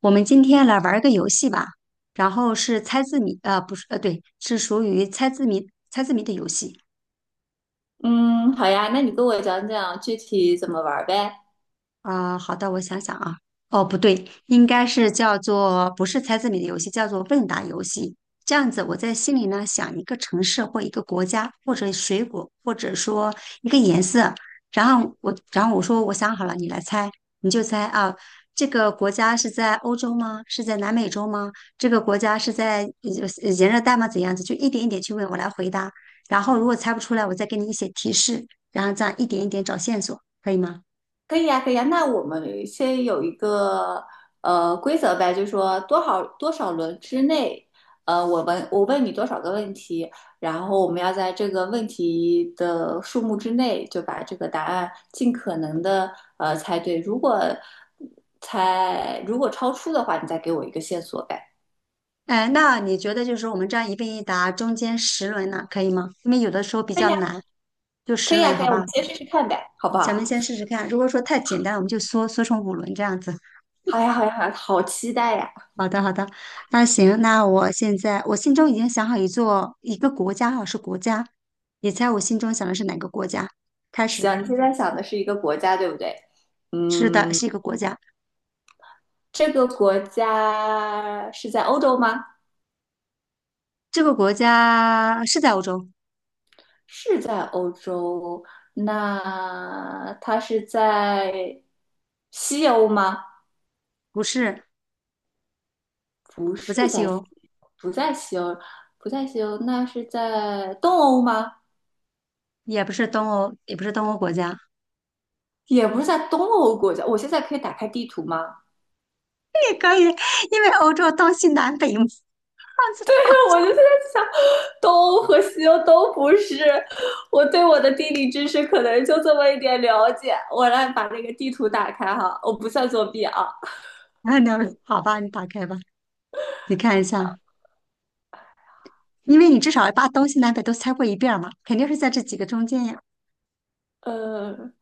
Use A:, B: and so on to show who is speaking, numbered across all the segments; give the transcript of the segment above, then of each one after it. A: 我们今天来玩儿个游戏吧，然后是猜字谜，呃，不是，呃，对，是属于猜字谜猜字谜的游戏。
B: 嗯，好呀，那你跟我讲讲具体怎么玩儿呗？
A: 啊、好的，我想想啊，哦，不对，应该是叫做不是猜字谜的游戏，叫做问答游戏。这样子，我在心里呢想一个城市或一个国家，或者水果，或者说一个颜色，然后我说我想好了，你来猜，你就猜啊，这个国家是在欧洲吗？是在南美洲吗？这个国家是在炎热带吗？怎样子？就一点一点去问，我来回答。然后如果猜不出来，我再给你一些提示，然后这样一点一点找线索，可以吗？
B: 可以呀，可以呀。那我们先有一个规则呗，就是说多少多少轮之内，我问你多少个问题，然后我们要在这个问题的数目之内就把这个答案尽可能的猜对。如果超出的话，你再给我一个线索呗。
A: 哎，那你觉得就是我们这样一问一答，中间十轮呢，可以吗？因为有的时候比
B: 可以
A: 较
B: 呀，
A: 难，就
B: 可
A: 十
B: 以呀，
A: 轮，
B: 可以
A: 好
B: 呀
A: 吧？
B: 我们先试试看呗，好不
A: 咱
B: 好？
A: 们先试试看，如果说太简单，我们就缩成5轮这样子。
B: 好呀，好呀，好呀，好期待呀！
A: 好的，好的，那行，那我现在我心中已经想好一个国家哈，是国家，你猜我心中想的是哪个国家？开始，
B: 行，你现在想的是一个国家，对不对？
A: 是的，
B: 嗯，
A: 是一个国家，
B: 这个国家是在欧洲吗？
A: 这个国家是在欧洲，
B: 是在欧洲。那它是在西欧吗？
A: 不是，
B: 不
A: 不在
B: 是
A: 西
B: 在西，
A: 欧，
B: 不在西欧，不在西欧。那是在东欧吗？
A: 也不是东欧，也不是东欧国家，
B: 也不是在东欧国家。我现在可以打开地图吗？
A: 也可以，因为欧洲东西南北嘛。
B: 对，我就在想，东欧和西欧都不是，我对我的地理知识可能就这么一点了解。我来把那个地图打开哈，我不算作弊啊。
A: 那好吧，你打开吧，你看一下，因为你至少把东西南北都猜过一遍儿嘛，肯定是在这几个中间呀。
B: 呃，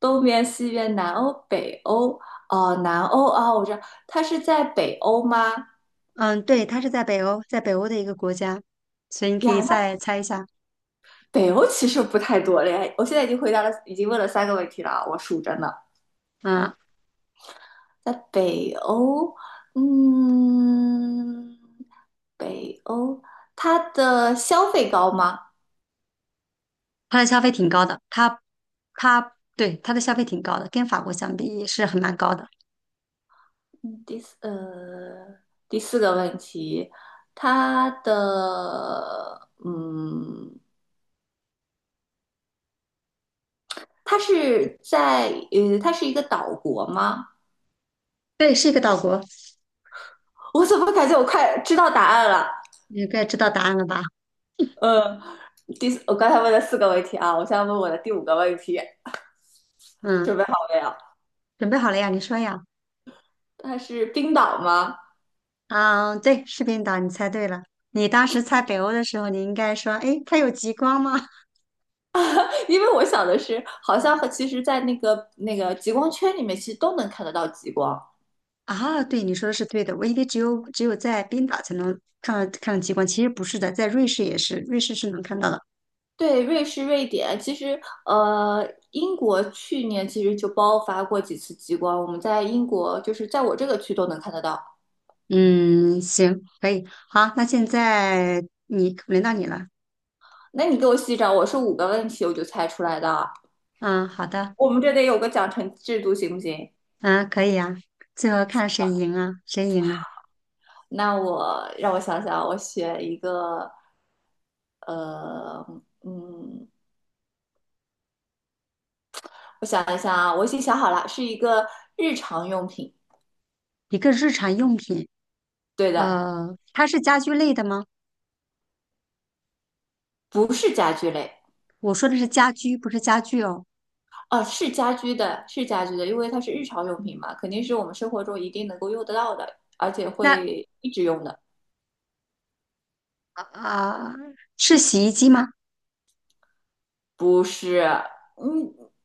B: 东边、西边、南欧、北欧，哦，南欧啊，我知道，它是在北欧吗？
A: 嗯，对，它是在北欧，在北欧的一个国家，所以你可以
B: 呀，那
A: 再猜一下。
B: 北欧其实不太多了呀。我现在已经回答了，已经问了三个问题了啊，我数着呢。
A: 嗯，
B: 在北欧，嗯，北欧，它的消费高吗？
A: 它的消费挺高的，它对它的消费挺高的，跟法国相比也是很蛮高的。
B: 嗯，第四，第四个问题，它的，嗯，它是在，它是一个岛国吗？
A: 对，是一个岛国，
B: 我怎么感觉我快知道答案了？
A: 你该知道答案了吧？
B: 呃，第四，我刚才问了四个问题啊，我现在问我的第五个问题，
A: 嗯，
B: 准备好了没有？
A: 准备好了呀？你说呀？
B: 它是冰岛吗？
A: 嗯，对，是冰岛，你猜对了。你当时猜北欧的时候，你应该说，诶，它有极光吗？
B: 因为我想的是，好像和其实，在那个极光圈里面，其实都能看得到极光。
A: 啊，对，你说的是对的。我以为只有在冰岛才能看到极光，其实不是的，在瑞士也是，瑞士是能看到的。
B: 对，瑞士、瑞典，其实英国去年其实就爆发过几次极光，我们在英国就是在我这个区都能看得到。
A: 嗯，行，可以，好，那现在你轮到你了。
B: 那你给我细找，我是五个问题我就猜出来的，
A: 嗯，好的，
B: 我们这得有个奖惩制度，行不行？
A: 嗯，可以啊。最后看谁赢啊？谁赢啊？
B: 那我让我想想，我选一个，呃，嗯，我想一下啊，我已经想好了，是一个日常用品。
A: 一个日常用品，
B: 对的，
A: 呃，它是家居类的吗？
B: 不是家居类，
A: 我说的是家居，不是家具哦。
B: 哦，是家居的，是家居的，因为它是日常用品嘛，肯定是我们生活中一定能够用得到的，而且
A: 那
B: 会一直用的。
A: 啊、呃是洗衣机吗？
B: 不是，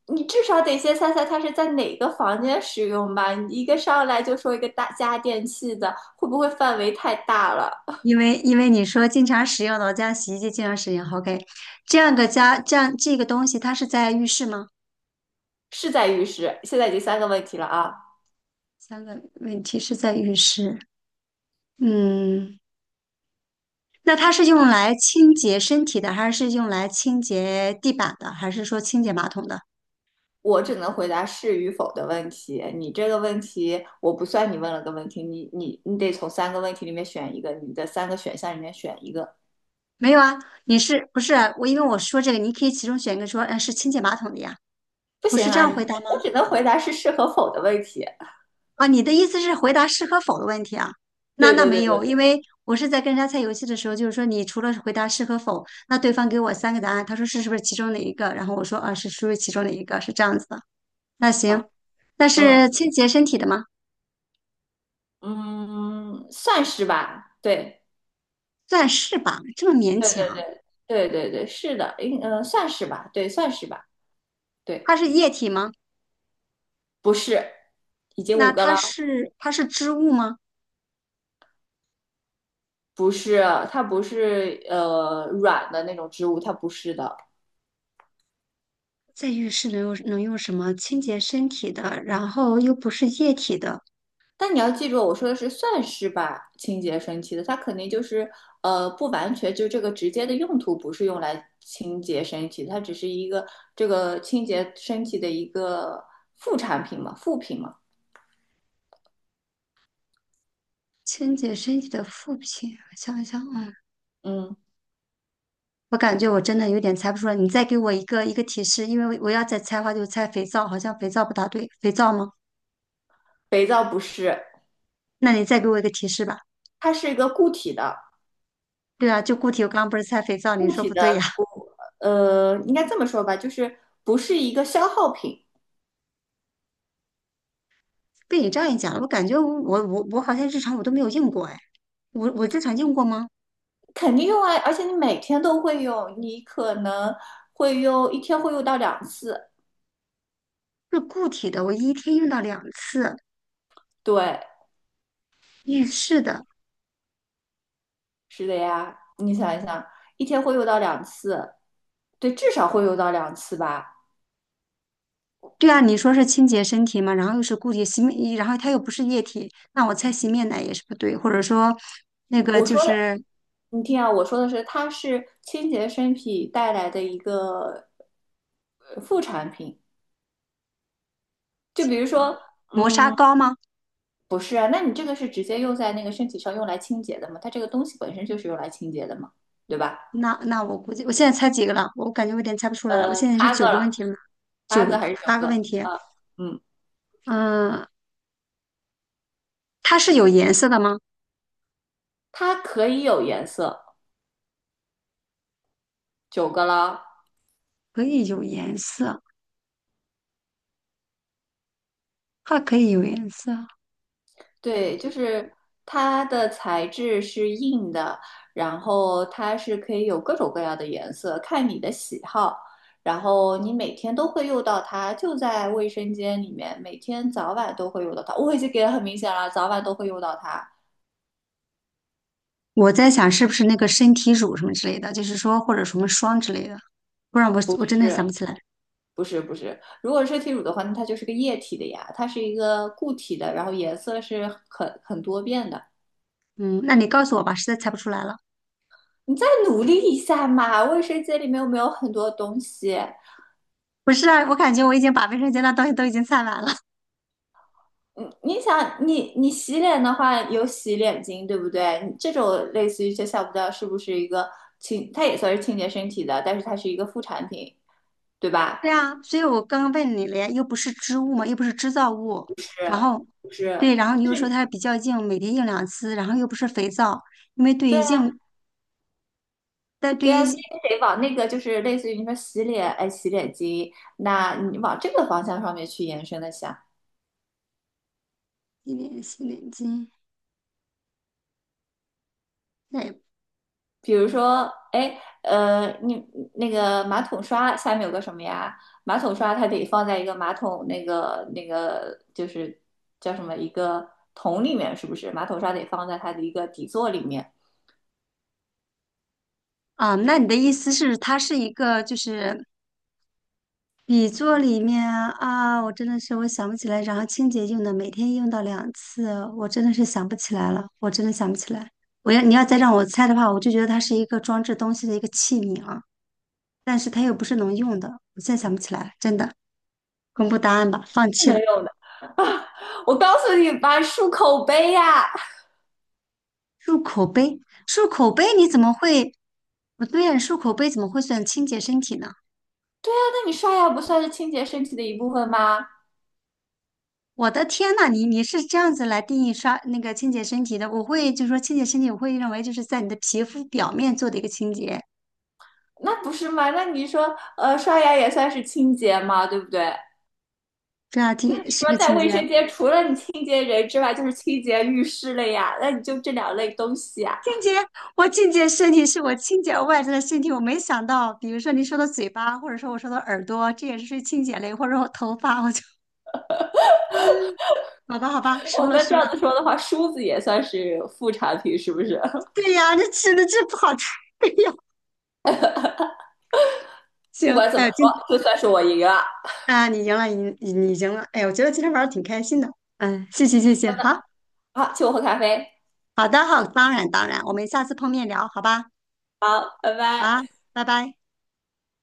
B: 你至少得先猜猜它是在哪个房间使用吧？你一个上来就说一个大家电器的，会不会范围太大了？
A: 因为你说经常使用的，我家洗衣机经常使用。OK,这样个家这样这个东西，它是在浴室吗？
B: 是在浴室，现在已经三个问题了啊。
A: 3个问题是在浴室。嗯，那它是用来清洁身体的，还是用来清洁地板的，还是说清洁马桶的？
B: 我只能回答是与否的问题。你这个问题，我不算你问了个问题，你得从三个问题里面选一个，你的三个选项里面选一个。
A: 没有啊，你是不是啊我？因为我说这个，你可以其中选一个说，呃，是清洁马桶的呀，
B: 不
A: 不是
B: 行
A: 这
B: 啊，
A: 样回答
B: 我
A: 吗？
B: 只能回答是是和否的问题。
A: 啊，你的意思是回答是和否的问题啊？那
B: 对
A: 那
B: 对对
A: 没
B: 对
A: 有，因
B: 对，
A: 为我是在跟人家猜游戏的时候，就是说你除了回答是和否，那对方给我3个答案，他说是是不是其中哪一个？然后我说啊是属于其中哪一个，是这样子的。那
B: 啊，
A: 行，那
B: 嗯
A: 是清洁身体的吗？
B: 嗯，算是吧。对
A: 算是吧，这么勉
B: 对对
A: 强。
B: 对对对，是的，算是吧，对，算是吧，对，
A: 它是液体吗？
B: 不是，已经
A: 那
B: 五个了，
A: 它是织物吗？
B: 不是，它不是软的那种植物，它不是的，
A: 在浴室能用什么清洁身体的？然后又不是液体的，
B: 但你要记住，我说的是算是吧，清洁身体的，它肯定就是不完全就这个直接的用途不是用来清洁身体，它只是一个这个清洁身体的一个副产品嘛，副品嘛。
A: 清洁身体的副品，我想一想，嗯。
B: 嗯，
A: 我感觉我真的有点猜不出来，你再给我一个提示，因为我要再猜的话就猜肥皂，好像肥皂不大对，肥皂吗？
B: 肥皂不是，
A: 那你再给我一个提示吧。
B: 它是一个固体的，
A: 对啊，就固体，我刚刚不是猜肥皂，你说不对呀、
B: 应该这么说吧，就是不是一个消耗品，
A: 被你这样一讲，我感觉我好像日常我都没有用过哎，我日常用过吗？
B: 肯定用啊，而且你每天都会用，你可能会用一天会用到两次，
A: 是固体的，我一天用到两次，
B: 对，
A: 浴室的。
B: 是的呀，你想一想，一天会用到两次，对，至少会用到两次吧。
A: 对啊，你说是清洁身体嘛，然后又是固体洗面，然后它又不是液体，那我猜洗面奶也是不对，或者说那个
B: 我
A: 就
B: 说的，
A: 是
B: 你听啊，我说的是，它是清洁身体带来的一个副产品。就比
A: 清
B: 如
A: 洁
B: 说，
A: 磨砂
B: 嗯，
A: 膏吗？
B: 不是啊，那你这个是直接用在那个身体上用来清洁的嘛？它这个东西本身就是用来清洁的嘛，对吧？
A: 那那我估计我现在猜几个了？我感觉我有点猜不出来了。我现在是
B: 八个
A: 九个
B: 了，
A: 问题了，九
B: 八
A: 个
B: 个还是九
A: 八个问
B: 个？
A: 题。
B: 啊，嗯，
A: 嗯、它是有颜色的吗？
B: 它可以有颜色，九个了。
A: 可以有颜色，它可以有颜色。
B: 对，就是它的材质是硬的，然后它是可以有各种各样的颜色，看你的喜好。然后你每天都会用到它，就在卫生间里面，每天早晚都会用到它。我已经给的很明显了，早晚都会用到它。
A: 我在想是不是那个身体乳什么之类的，就是说或者什么霜之类的，不然我
B: 不
A: 我真的
B: 是，
A: 想不起来。
B: 不是，不是。如果是身体乳的话，那它就是个液体的呀，它是一个固体的，然后颜色是很多变的。
A: 嗯，那你告诉我吧，实在猜不出来了。
B: 你再努力一下嘛，卫生间里面有没有很多东西？
A: 不是啊，我感觉我已经把卫生间的东西都已经猜完了。
B: 嗯，你想，你洗脸的话有洗脸巾，对不对？你这种类似于就想不到是不是一个清，它也算是清洁身体的，但是它是一个副产品，对吧？
A: 对啊，所以我刚刚问你了呀，又不是织物嘛，又不是织造物，
B: 不是，
A: 然后，
B: 就是
A: 对，然后你又说它比较硬，每天用两次，然后又不是肥皂，因为对
B: 对
A: 于
B: 啊，
A: 硬，但对
B: 对
A: 于
B: 啊，所以你得往那个就是类似于你说洗脸，哎，洗脸巾，那你往这个方向上面去延伸的想。
A: 洗脸巾，那也
B: 比如说，哎，你那个马桶刷下面有个什么呀？马桶刷它得放在一个马桶那个就是叫什么一个桶里面，是不是？马桶刷得放在它的一个底座里面，
A: 啊，那你的意思是它是一个就是底座里面啊，啊我真的是我想不起来，然后清洁用的，每天用到两次，我真的是想不起来了，我真的想不起来。你要再让我猜的话，我就觉得它是一个装置东西的一个器皿啊。但是它又不是能用的，我现在想不起来了，真的。公布答案吧，放
B: 是
A: 弃
B: 能
A: 了。
B: 用的啊！我告诉你吧，漱口杯呀、
A: 漱口杯，漱口杯你怎么会？不对呀，漱口杯怎么会算清洁身体呢？
B: 那你刷牙不算是清洁身体的一部分吗？
A: 我的天呐，你是这样子来定义刷那个清洁身体的？我会就是说清洁身体，我会认为就是在你的皮肤表面做的一个清洁，
B: 那不是吗？那你说，刷牙也算是清洁吗？对不对？
A: 这道
B: 那你
A: 题是
B: 说
A: 个
B: 在
A: 清
B: 卫
A: 洁。
B: 生间，除了你清洁人之外，就是清洁浴室了呀？那你就这两类东西啊。
A: 清洁，我清洁身体是我清洁外在的身体，我没想到，比如说你说的嘴巴，或者说我说的耳朵，这也是清洁类，或者我头发，好吧好吧，输
B: 我
A: 了
B: 们这
A: 输了。
B: 样子说的话，梳子也算是副产品，是不是？
A: 对呀，这吃的这不好吃。哎呀，
B: 不管
A: 行，
B: 怎么
A: 哎，今天
B: 说，就算是我赢了。
A: 啊，你赢了，你赢了。哎，我觉得今天玩的挺开心的。嗯，谢谢谢谢，
B: 好，请我喝咖啡。
A: 好，当然当然，我们下次碰面聊，好吧？
B: 好，拜
A: 好，
B: 拜。
A: 拜拜。